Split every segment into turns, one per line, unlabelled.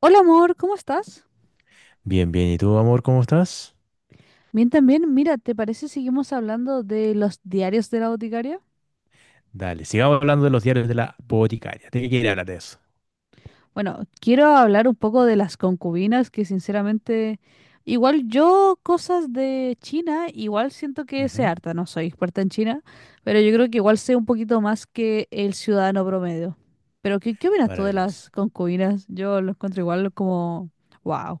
Hola amor, ¿cómo estás?
Bien, bien. ¿Y tú, amor, cómo estás?
Bien también, mira, ¿te parece seguimos hablando de los diarios de la boticaria?
Dale, sigamos hablando de los diarios de la boticaria. Tenía que ir a hablar de eso.
Bueno, quiero hablar un poco de las concubinas, que sinceramente, igual yo cosas de China, igual siento que sé
Ujú.
harta, no soy experta en China, pero yo creo que igual sé un poquito más que el ciudadano promedio. Pero ¿qué opinas tú de
Maravilloso.
las concubinas? Yo lo encuentro igual como, wow.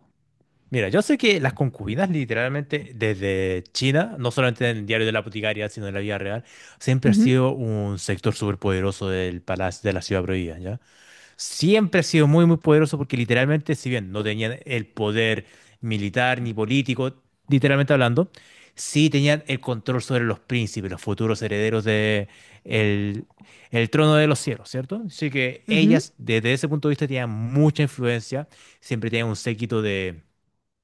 Mira, yo sé que las concubinas, literalmente, desde China, no solamente en el diario de la boticaria, sino en la vida real, siempre ha
Ujú,
sido un sector superpoderoso del palacio de la ciudad prohibida, ¿ya? Siempre ha sido muy, muy poderoso porque literalmente, si bien no tenían el poder militar ni político, literalmente hablando, sí tenían el control sobre los príncipes, los futuros herederos de el, el trono de los cielos, ¿cierto? Así que
ujú.
ellas, desde ese punto de vista, tenían mucha influencia, siempre tenían un séquito de,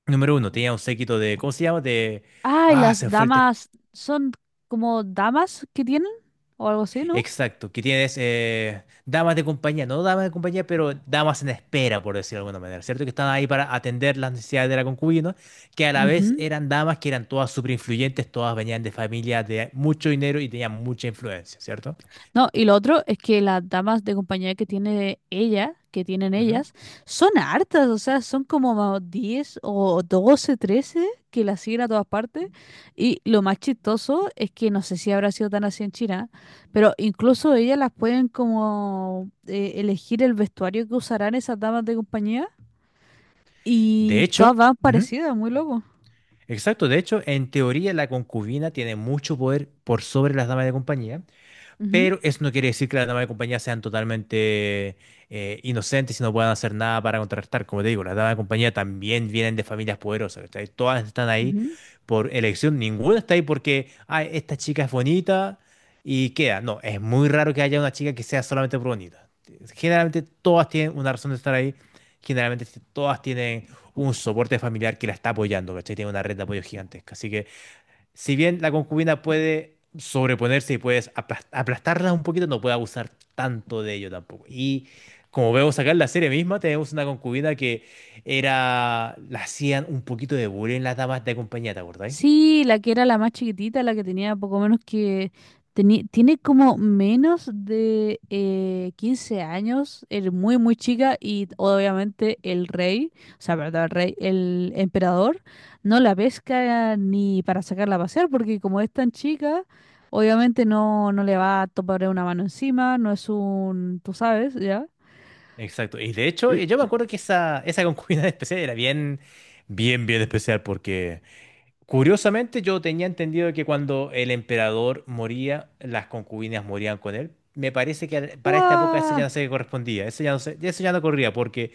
número uno, tenían un séquito de, ¿cómo se llama? De,
Ah, y
ah, se
las
me fue el término.
damas son como damas que tienen o algo así, ¿no?
Exacto, que tienes damas de compañía, no damas de compañía, pero damas en espera, por decirlo de alguna manera, ¿cierto? Que estaban ahí para atender las necesidades de la concubina, que a la vez
Ujú.
eran damas que eran todas súper influyentes, todas venían de familias de mucho dinero y tenían mucha influencia, ¿cierto?
No, y lo otro es que las damas de compañía que tiene ella, que tienen
Ujú.
ellas, son hartas, o sea, son como 10 o 12, 13, que las siguen a todas partes. Y lo más chistoso es que no sé si habrá sido tan así en China, pero incluso ellas las pueden como elegir el vestuario que usarán esas damas de compañía
De
y todas
hecho,
van
ujú,
parecidas, muy loco.
exacto, de hecho, en teoría la concubina tiene mucho poder por sobre las damas de compañía,
Ujú,
pero eso no quiere decir que las damas de compañía sean totalmente inocentes y no puedan hacer nada para contrarrestar. Como te digo, las damas de compañía también vienen de familias poderosas, ¿cachai? Todas están ahí
ujú.
por elección, ninguna está ahí porque, ay, esta chica es bonita y queda. No, es muy raro que haya una chica que sea solamente por bonita. Generalmente todas tienen una razón de estar ahí, generalmente todas tienen un soporte familiar que la está apoyando, ¿cachai? Tiene una red de apoyo gigantesca. Así que si bien la concubina puede sobreponerse y puedes aplastarla un poquito, no puede abusar tanto de ello tampoco. Y como vemos acá en la serie misma, tenemos una concubina que era, la hacían un poquito de bullying las damas de compañía, ¿te acordáis?
Sí, la que era la más chiquitita, la que tenía poco menos que… tiene como menos de 15 años, es muy, muy chica y obviamente el rey, o sea, perdón, el rey, el emperador, no la pesca ni para sacarla a pasear porque como es tan chica, obviamente no le va a topar una mano encima, no es un, tú sabes, ¿ya?
Exacto. Y de hecho, yo me acuerdo que esa concubina especial era bien, bien, bien especial porque, curiosamente, yo tenía entendido que cuando el emperador moría, las concubinas morían con él. Me parece que para esta época eso
¡Guau!
ya no se correspondía, eso ya eso ya no corría, porque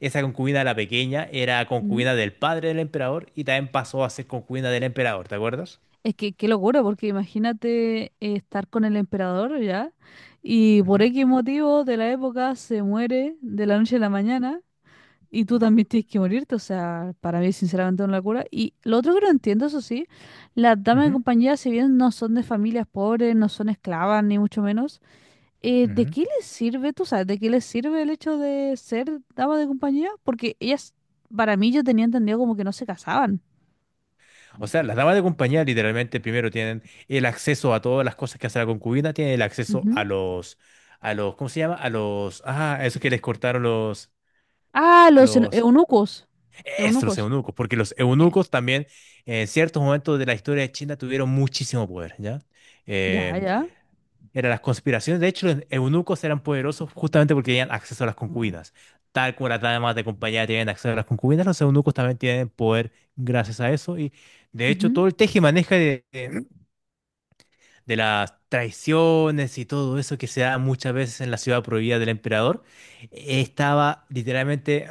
esa concubina, la pequeña, era
Mm.
concubina del padre del emperador y también pasó a ser concubina del emperador, ¿te acuerdas?
Es que qué locura, porque imagínate estar con el emperador ya, y por
Ujú,
X motivo de la época se muere de la noche a la mañana, y tú también tienes que morirte, o sea, para mí es sinceramente una locura. Y lo otro que no entiendo, eso sí, las damas de
ujú,
compañía, si bien no son de familias pobres, no son esclavas, ni mucho menos, ¿de
ujú.
qué les sirve, tú sabes, de qué les sirve el hecho de ser damas de compañía? Porque ellas, para mí yo tenía entendido como que no se casaban.
O sea, las damas de compañía literalmente primero tienen el acceso a todas las cosas que hace la concubina, tienen el acceso a los, ¿cómo se llama? A los, ah, a esos que les cortaron
Ah,
los
eunucos.
estos
Eunucos.
eunucos, porque los
Eh,
eunucos también en ciertos momentos de la historia de China tuvieron muchísimo poder, ¿ya?
Ya,
Eh,
ya.
eran las conspiraciones, de hecho los eunucos eran poderosos justamente porque tenían acceso a las concubinas. Tal como las damas de compañía tienen acceso a las concubinas, los eunucos también tienen poder gracias a eso y de hecho
Ujú.
todo el tejimaneja de las traiciones y todo eso que se da muchas veces en la ciudad prohibida del emperador estaba literalmente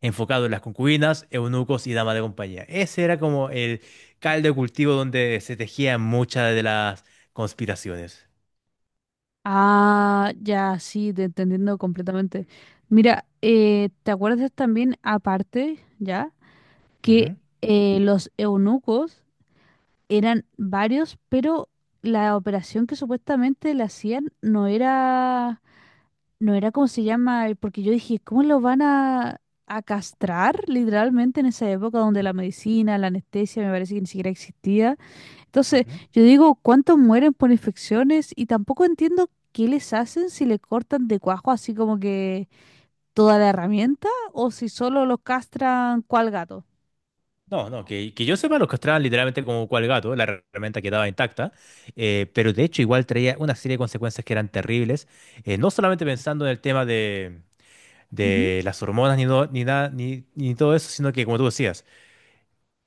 enfocado en las concubinas, eunucos y damas de compañía. Ese era como el caldo de cultivo donde se tejían muchas de las conspiraciones.
Ah, ya, sí, te entendiendo completamente. Mira, ¿te acuerdas también, aparte, ya, que
Ujú,
los eunucos eran varios, pero la operación que supuestamente le hacían no era como se llama. Porque yo dije, ¿cómo lo van a castrar literalmente en esa época donde la medicina, la anestesia, me parece que ni siquiera existía? Entonces,
ujú.
yo digo, ¿cuántos mueren por infecciones? Y tampoco entiendo qué les hacen si le cortan de cuajo así como que toda la herramienta o si solo los castran cual gato.
No, no, que yo sepa, los castraban literalmente como cual gato, la herramienta quedaba intacta, pero de hecho igual traía una serie de consecuencias que eran terribles, no solamente pensando en el tema
Ujú,
de las hormonas ni, ni nada, ni, ni todo eso, sino que como tú decías,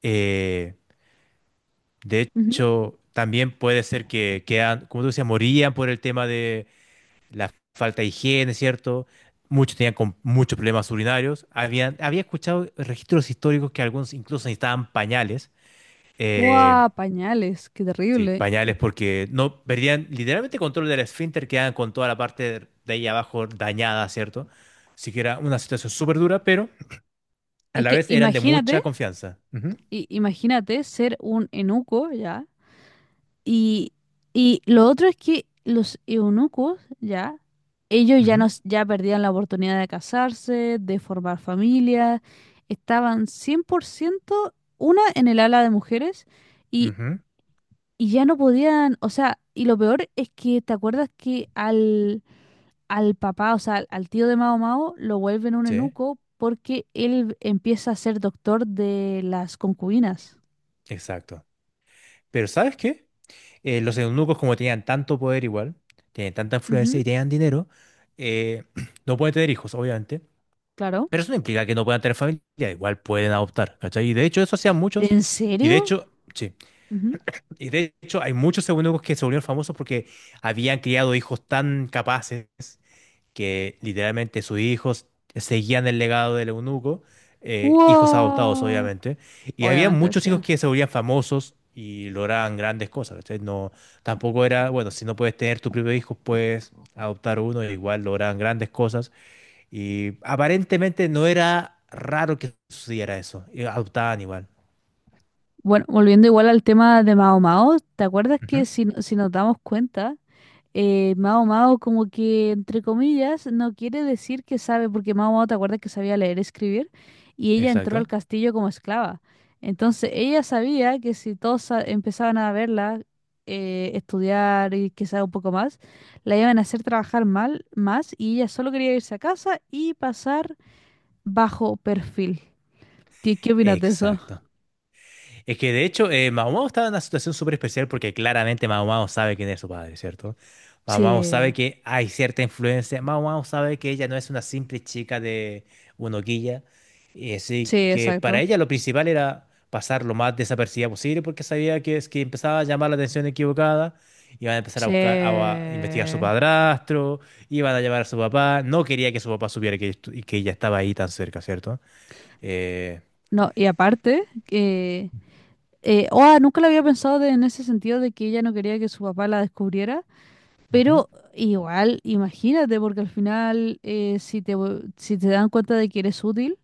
eh, de
ujú.
hecho también puede ser que, quedan, como tú decías, morían por el tema la falta de higiene, ¿cierto? Muchos tenían con muchos problemas urinarios. Habían, había escuchado registros históricos que algunos incluso necesitaban pañales. Eh,
Guau, pañales, qué
sí,
terrible.
pañales porque no perdían literalmente control del esfínter, quedaban con toda la parte de ahí abajo dañada, ¿cierto? Así que era una situación súper dura, pero a
Es
la
que
vez eran de
imagínate,
mucha confianza. Ujú,
imagínate ser un enuco, ¿ya? Y, y lo otro es que los eunucos, ya, ellos ya,
ujú,
nos, ya perdían la oportunidad de casarse, de formar familias, estaban 100% una en el ala de mujeres y,
ujú,
y ya no podían, o sea, y lo peor es que, ¿te acuerdas que al, al papá, o sea, al, al tío de Mao Mao, lo vuelven un
sí,
eunuco porque él empieza a ser doctor de las concubinas?
exacto. Pero ¿sabes qué? Eh, los eunucos, como tenían tanto poder igual, tienen tanta influencia
Ujú,
y tenían dinero, eh, no pueden tener hijos, obviamente.
claro.
Pero eso no implica que no puedan tener familia, igual pueden adoptar, ¿cachai? Y de hecho, eso hacían muchos.
¿En
Y de
serio?
hecho, sí. Y de hecho, hay muchos eunucos que se volvieron famosos porque habían criado hijos tan capaces que literalmente sus hijos seguían el legado del eunuco, hijos adoptados
Wow.
obviamente, y había
Obviamente
muchos
sí.
hijos que se volvían famosos y lograban grandes cosas, ¿cachai? No, tampoco era, bueno, si no puedes tener tu propio hijo, puedes adoptar uno, y igual lograban grandes cosas, y aparentemente no era raro que sucediera eso, y adoptaban igual.
Bueno, volviendo igual al tema de Mao Mao, ¿te acuerdas que
Ujú.
si, si nos damos cuenta, Mao Mao como que entre comillas no quiere decir que sabe, porque Mao Mao te acuerdas que sabía leer y escribir y ella entró al
Exacto.
castillo como esclava. Entonces ella sabía que si todos empezaban a verla, estudiar y quizá un poco más, la iban a hacer trabajar mal más y ella solo quería irse a casa y pasar bajo perfil. ¿Qué opinas de eso?
Exacto. Es que de hecho, Mao Mao estaba en una situación súper especial porque claramente Mao Mao sabe quién es su padre, ¿cierto? Mao Mao sabe
Sí,
que hay cierta influencia. Mao Mao sabe que ella no es una simple chica de Unoquilla. Y así
sí,
que para
exacto.
ella lo principal era pasar lo más desapercibida posible porque sabía que es que empezaba a llamar la atención equivocada. Iban a empezar a
Sí.
buscar, a investigar a su padrastro, iban a llamar a su papá. No quería que su papá supiera que, que ella estaba ahí tan cerca, ¿cierto? Eh,
No, y aparte, que… oh, nunca lo había pensado en ese sentido de que ella no quería que su papá la descubriera,
ujú,
pero igual, imagínate, porque al final, si te, si te dan cuenta de que eres útil,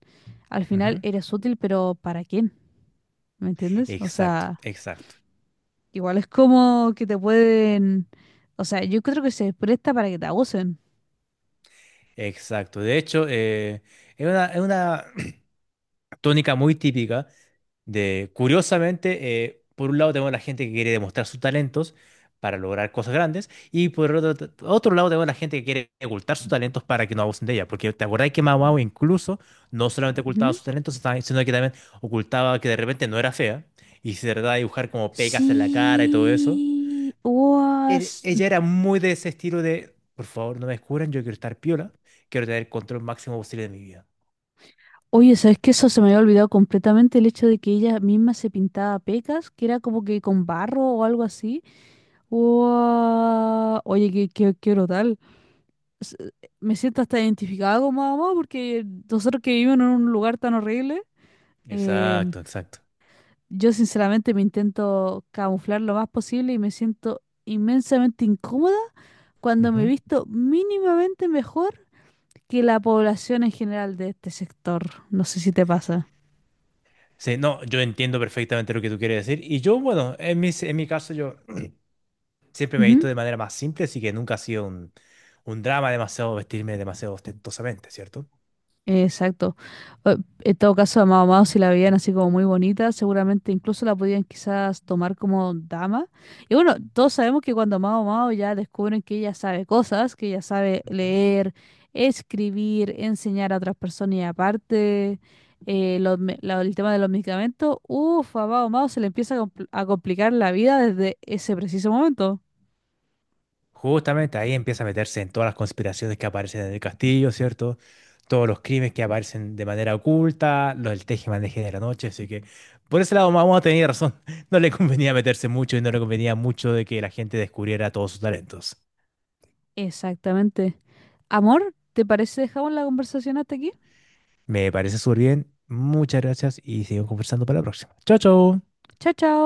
al final
ujú.
eres útil, pero ¿para quién? ¿Me entiendes? O
Exacto,
sea,
exacto,
igual es como que te pueden… O sea, yo creo que se presta para que te abusen.
exacto. De hecho, es una tónica muy típica de, curiosamente, por un lado tenemos la gente que quiere demostrar sus talentos para lograr cosas grandes y por otro, otro lado tenemos la gente que quiere ocultar sus talentos para que no abusen de ella. Porque te acordás que Mau Mau incluso no solamente ocultaba sus talentos, sino que también ocultaba que de repente no era fea y se trataba de dibujar como pecas en la cara y todo eso.
Sí, guas.
Ella era muy de ese estilo de, por favor, no me descubran, yo quiero estar piola, quiero tener el control máximo posible de mi vida.
Oye, ¿sabes qué? Eso se me había olvidado completamente el hecho de que ella misma se pintaba pecas, que era como que con barro o algo así. Guau. Oye, qué brutal. S- me siento hasta identificada con mamá porque nosotros que vivimos en un lugar tan horrible, eh,
Exacto, exacto.
yo sinceramente me intento camuflar lo más posible y me siento inmensamente incómoda cuando me he
Ujú.
visto mínimamente mejor que la población en general de este sector. No sé si te pasa.
Sí, no, yo entiendo perfectamente lo que tú quieres decir. Y yo, bueno, en mi caso, yo siempre me he
Ujú.
visto de manera más simple, así que nunca ha sido un drama demasiado vestirme demasiado ostentosamente, ¿cierto?
Exacto. Eh, en todo caso, a Mao Mao, si la veían así como muy bonita, seguramente incluso la podían quizás tomar como dama. Y bueno, todos sabemos que cuando Mao Mao ya descubren que ella sabe cosas, que ella sabe
Ujú.
leer, escribir, enseñar a otras personas y aparte el tema de los medicamentos, uff, a Mao Mao se le empieza a complicar la vida desde ese preciso momento.
Justamente ahí empieza a meterse en todas las conspiraciones que aparecen en el castillo, ¿cierto? Todos los crímenes que aparecen de manera oculta, los del tejemaneje de la noche, así que por ese lado vamos a tener razón. No le convenía meterse mucho y no le convenía mucho de que la gente descubriera todos sus talentos.
Exactamente. Amor, ¿te parece dejamos la conversación hasta aquí?
Me parece súper bien. Muchas gracias y seguimos conversando para la próxima. Chao, chao.
Chao, chao.